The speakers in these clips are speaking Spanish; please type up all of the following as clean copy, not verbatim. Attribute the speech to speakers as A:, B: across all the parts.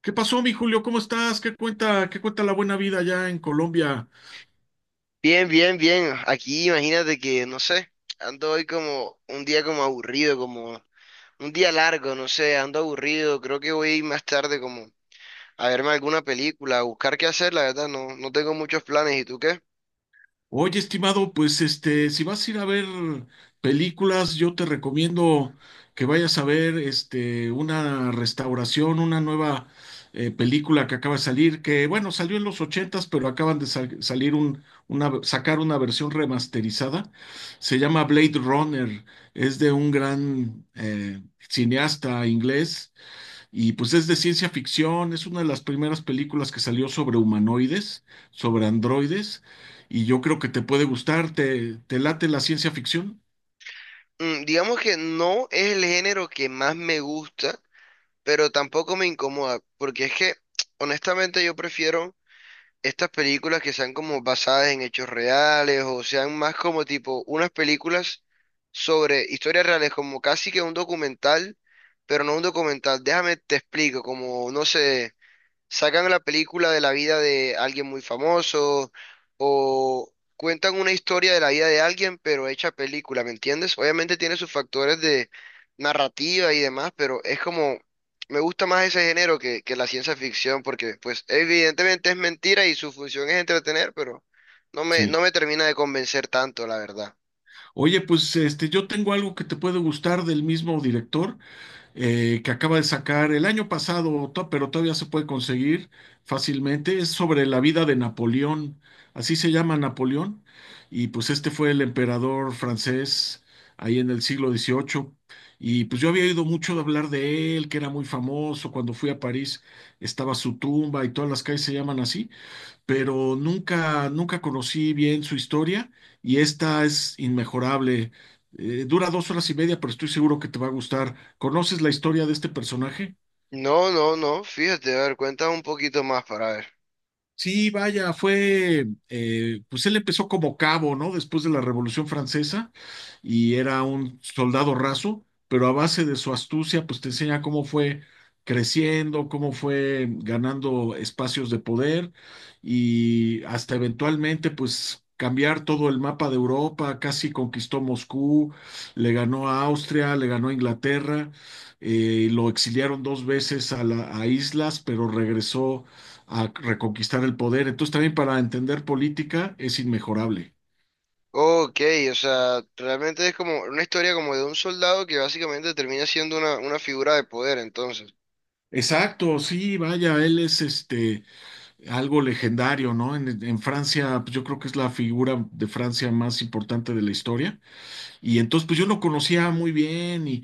A: ¿Qué pasó, mi Julio? ¿Cómo estás? ¿Qué cuenta la buena vida allá en Colombia?
B: Bien, bien, bien. Aquí imagínate que, no sé, ando hoy como un día como aburrido, como un día largo, no sé, ando aburrido. Creo que voy a ir más tarde como a verme alguna película, a buscar qué hacer, la verdad, no, no tengo muchos planes. ¿Y tú qué?
A: Oye, estimado, pues este, si vas a ir a ver películas, yo te recomiendo que vayas a ver este una restauración, una nueva película que acaba de salir, que bueno, salió en los ochentas, pero acaban de salir un, una, sacar una versión remasterizada. Se llama Blade Runner, es de un gran cineasta inglés. Y pues es de ciencia ficción, es una de las primeras películas que salió sobre humanoides, sobre androides, y yo creo que te puede gustar. ¿Te late la ciencia ficción?
B: Digamos que no es el género que más me gusta, pero tampoco me incomoda, porque es que honestamente yo prefiero estas películas que sean como basadas en hechos reales o sean más como tipo unas películas sobre historias reales, como casi que un documental, pero no un documental. Déjame te explico, como no sé sacan la película de la vida de alguien muy famoso o cuentan una historia de la vida de alguien, pero hecha película, ¿me entiendes? Obviamente tiene sus factores de narrativa y demás, pero es como, me gusta más ese género que la ciencia ficción, porque pues evidentemente es mentira y su función es entretener, pero no me, no
A: Sí.
B: me termina de convencer tanto, la verdad.
A: Oye, pues este, yo tengo algo que te puede gustar del mismo director, que acaba de sacar el año pasado, pero todavía se puede conseguir fácilmente. Es sobre la vida de Napoleón, así se llama Napoleón, y pues este fue el emperador francés ahí en el siglo XVIII. Y pues yo había oído mucho hablar de él, que era muy famoso. Cuando fui a París estaba su tumba y todas las calles se llaman así, pero nunca, nunca conocí bien su historia, y esta es inmejorable. Dura dos horas y media, pero estoy seguro que te va a gustar. ¿Conoces la historia de este personaje?
B: No, no, no, fíjate, a ver, cuéntame un poquito más para ver.
A: Sí, vaya, fue, pues él empezó como cabo, ¿no? Después de la Revolución Francesa y era un soldado raso, pero a base de su astucia, pues te enseña cómo fue creciendo, cómo fue ganando espacios de poder y hasta eventualmente, pues cambiar todo el mapa de Europa, casi conquistó Moscú, le ganó a Austria, le ganó a Inglaterra, lo exiliaron dos veces a islas, pero regresó a reconquistar el poder. Entonces también para entender política es inmejorable.
B: Ok, o sea, realmente es como una historia como de un soldado que básicamente termina siendo una figura de poder, entonces.
A: Exacto, sí, vaya, él es este algo legendario, ¿no? En Francia, pues, yo creo que es la figura de Francia más importante de la historia. Y entonces, pues yo lo conocía muy bien. y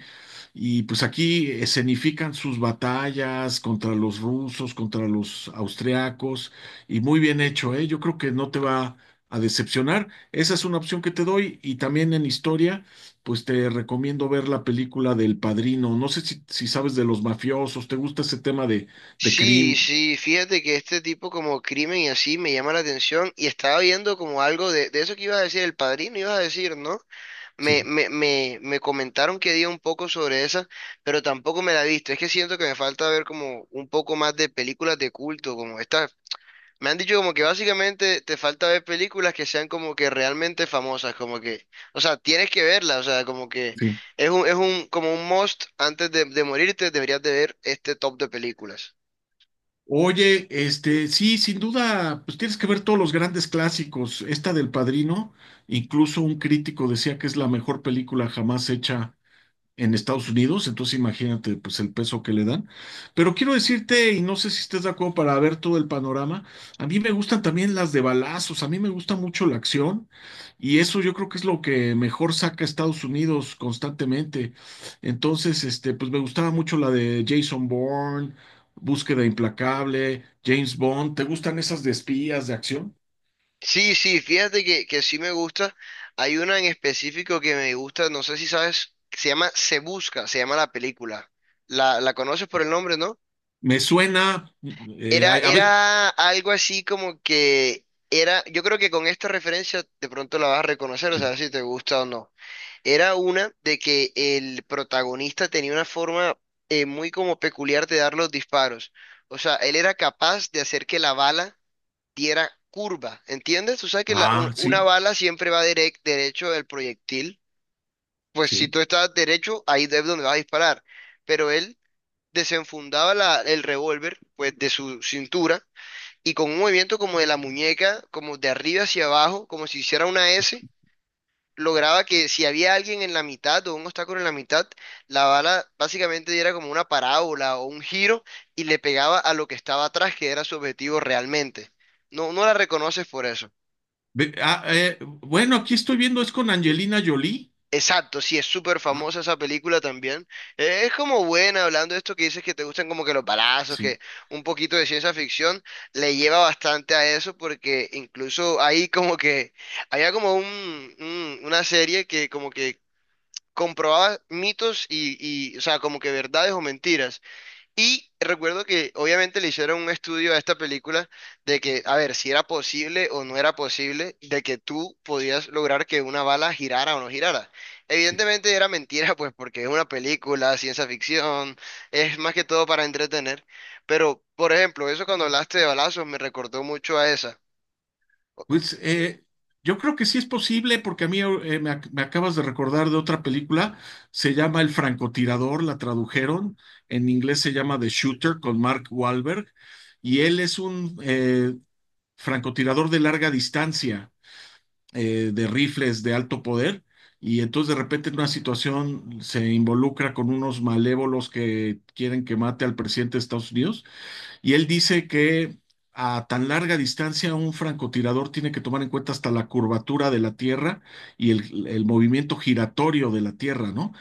A: Y pues aquí escenifican sus batallas contra los rusos, contra los austriacos, y muy bien hecho, ¿eh? Yo creo que no te va a decepcionar. Esa es una opción que te doy. Y también en historia, pues te recomiendo ver la película del Padrino. No sé si, si sabes de los mafiosos, ¿te gusta ese tema de
B: Sí,
A: crimen?
B: sí, fíjate que este tipo como crimen y así me llama la atención y estaba viendo como algo de eso que ibas a decir, el padrino ibas a decir, ¿no? Me,
A: Sí,
B: me, me, me comentaron que dio un poco sobre esa, pero tampoco me la he visto. Es que siento que me falta ver como un poco más de películas de culto, como estas. Me han dicho como que básicamente te falta ver películas que sean como que realmente famosas, como que, o sea, tienes que verlas, o sea, como que
A: sí.
B: es un, como un must antes de morirte, deberías de ver este top de películas.
A: Oye, este, sí, sin duda, pues tienes que ver todos los grandes clásicos. Esta del Padrino, incluso un crítico decía que es la mejor película jamás hecha en Estados Unidos, entonces imagínate pues el peso que le dan. Pero quiero decirte, y no sé si estés de acuerdo, para ver todo el panorama, a mí me gustan también las de balazos, a mí me gusta mucho la acción y eso yo creo que es lo que mejor saca a Estados Unidos constantemente. Entonces, este, pues me gustaba mucho la de Jason Bourne, Búsqueda Implacable, James Bond, ¿te gustan esas de espías, de acción?
B: Sí, sí, fíjate que sí me gusta. Hay una en específico que me gusta, no sé si sabes, que se llama Se Busca, se llama la película. La conoces por el nombre, ¿no?
A: Me suena,
B: Era,
A: a veces...
B: era algo así como que era, yo creo que con esta referencia de pronto la vas a reconocer, o
A: Sí.
B: sea, si te gusta o no. Era una de que el protagonista tenía una forma muy como peculiar de dar los disparos. O sea, él era capaz de hacer que la bala diera curva, ¿entiendes? Tú sabes que la- un-
A: Ah,
B: una
A: sí,
B: bala siempre va derecho del proyectil. Pues si
A: sí.
B: tú estás derecho, ahí es donde vas a disparar. Pero él desenfundaba el revólver, pues, de su cintura y con un movimiento como de la muñeca, como de arriba hacia abajo, como si hiciera una S lograba que si había alguien en la mitad o un obstáculo en la mitad, la bala básicamente diera como una parábola o un giro y le pegaba a lo que estaba atrás, que era su objetivo realmente. No, no la reconoces por eso.
A: Bueno, aquí estoy viendo, es con Angelina Jolie.
B: Exacto, sí, es súper
A: Ah,
B: famosa esa película también. Es como buena, hablando de esto que dices que te gustan como que los balazos,
A: sí,
B: que un poquito de ciencia ficción le lleva bastante a eso, porque incluso ahí como que había como un, una serie que como que comprobaba mitos y, o sea, como que verdades o mentiras. Y recuerdo que obviamente le hicieron un estudio a esta película de que, a ver, si era posible o no era posible de que tú podías lograr que una bala girara o no girara.
A: sí.
B: Evidentemente era mentira, pues porque es una película, ciencia ficción, es más que todo para entretener. Pero, por ejemplo, eso cuando hablaste de balazos me recordó mucho a esa.
A: Pues yo creo que sí es posible, porque a mí me acabas de recordar de otra película, se llama El francotirador, la tradujeron, en inglés se llama The Shooter con Mark Wahlberg, y él es un francotirador de larga distancia, de rifles de alto poder. Y entonces de repente en una situación se involucra con unos malévolos que quieren que mate al presidente de Estados Unidos. Y él dice que a tan larga distancia un francotirador tiene que tomar en cuenta hasta la curvatura de la Tierra y el movimiento giratorio de la Tierra, ¿no?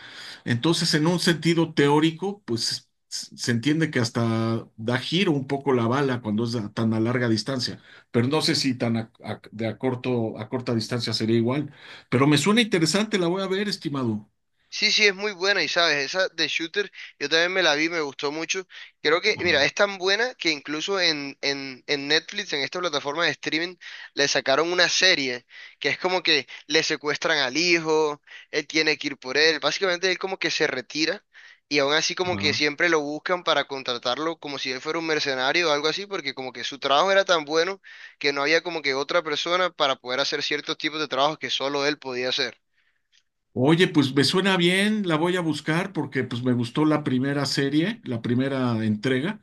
A: Entonces, en un sentido teórico, pues se entiende que hasta da giro un poco la bala cuando es a tan a larga distancia, pero no sé si tan de a corto, a corta distancia sería igual, pero me suena interesante, la voy a ver, estimado.
B: Sí, sí, es muy buena y sabes, esa de Shooter, yo también me la vi, me gustó mucho. Creo que,
A: Ajá,
B: mira, es tan buena que incluso en Netflix, en esta plataforma de streaming, le sacaron una serie que es como que le secuestran al hijo, él tiene que ir por él, básicamente él como que se retira y aún así como que
A: ajá.
B: siempre lo buscan para contratarlo como si él fuera un mercenario o algo así, porque como que su trabajo era tan bueno que no había como que otra persona para poder hacer ciertos tipos de trabajos que solo él podía hacer.
A: Oye, pues me suena bien, la voy a buscar porque pues me gustó la primera serie, la primera entrega.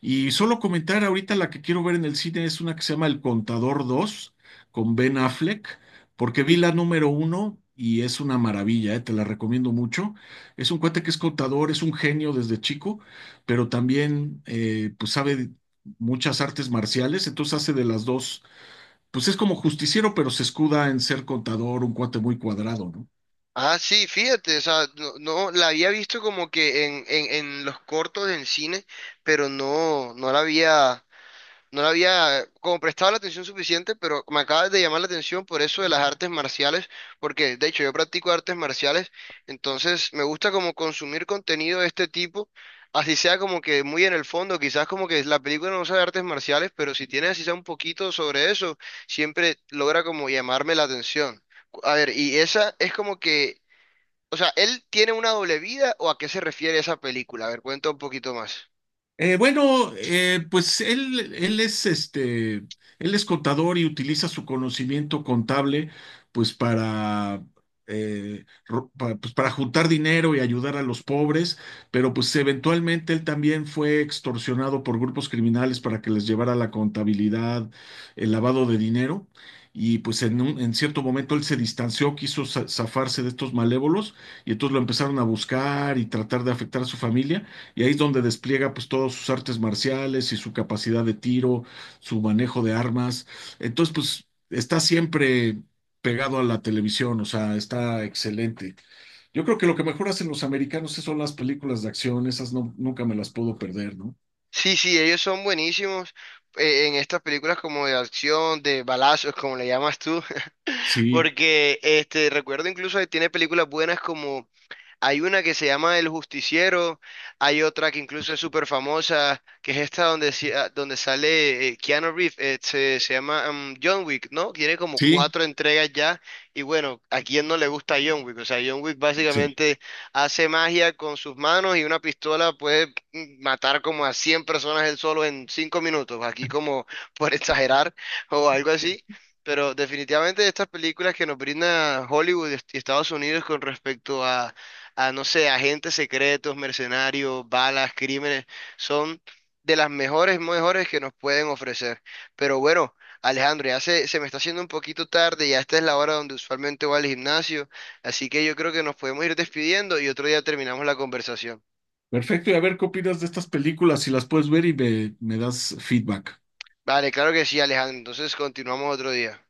A: Y solo comentar ahorita la que quiero ver en el cine es una que se llama El Contador dos con Ben Affleck, porque vi la número uno y es una maravilla, te la recomiendo mucho. Es un cuate que es contador, es un genio desde chico, pero también pues sabe muchas artes marciales, entonces hace de las dos, pues es como justiciero, pero se escuda en ser contador, un cuate muy cuadrado, ¿no?
B: Ah, sí, fíjate, o sea, no, no, la había visto como que en los cortos en cine, pero no, no la había como prestado la atención suficiente, pero me acabas de llamar la atención por eso de las artes marciales, porque de hecho yo practico artes marciales, entonces me gusta como consumir contenido de este tipo, así sea como que muy en el fondo, quizás como que la película no sea de artes marciales, pero si tiene así sea un poquito sobre eso, siempre logra como llamarme la atención. A ver, y esa es como que o sea, ¿él tiene una doble vida o a qué se refiere esa película? A ver, cuenta un poquito más.
A: Bueno, pues él, él es este, él es contador y utiliza su conocimiento contable, pues para, pues, para juntar dinero y ayudar a los pobres, pero pues eventualmente él también fue extorsionado por grupos criminales para que les llevara la contabilidad, el lavado de dinero. Y pues en en cierto momento él se distanció, quiso zafarse de estos malévolos y entonces lo empezaron a buscar y tratar de afectar a su familia. Y ahí es donde despliega pues todas sus artes marciales y su capacidad de tiro, su manejo de armas. Entonces, pues está siempre pegado a la televisión, o sea, está excelente. Yo creo que lo que mejor hacen los americanos son las películas de acción, esas no, nunca me las puedo perder, ¿no?
B: Sí, sí, ellos son buenísimos en estas películas como de acción, de balazos, como le llamas tú,
A: Sí,
B: porque este recuerdo incluso que tiene películas buenas como hay una que se llama El Justiciero, hay otra que incluso es súper famosa, que es esta donde, donde sale Keanu Reeves, se llama John Wick, ¿no? Tiene como
A: sí,
B: cuatro entregas ya, y bueno, ¿a quién no le gusta John Wick? O sea, John Wick
A: sí.
B: básicamente hace magia con sus manos y una pistola puede matar como a 100 personas él solo en 5 minutos, aquí como por exagerar o algo así. Pero definitivamente estas películas que nos brinda Hollywood y Estados Unidos con respecto a, no sé, agentes secretos, mercenarios, balas, crímenes, son de las mejores, mejores que nos pueden ofrecer. Pero bueno, Alejandro, ya se me está haciendo un poquito tarde, ya esta es la hora donde usualmente voy al gimnasio, así que yo creo que nos podemos ir despidiendo y otro día terminamos la conversación.
A: Perfecto, y a ver qué opinas de estas películas, si las puedes ver y me das feedback.
B: Vale, claro que sí, Alejandro, entonces continuamos otro día.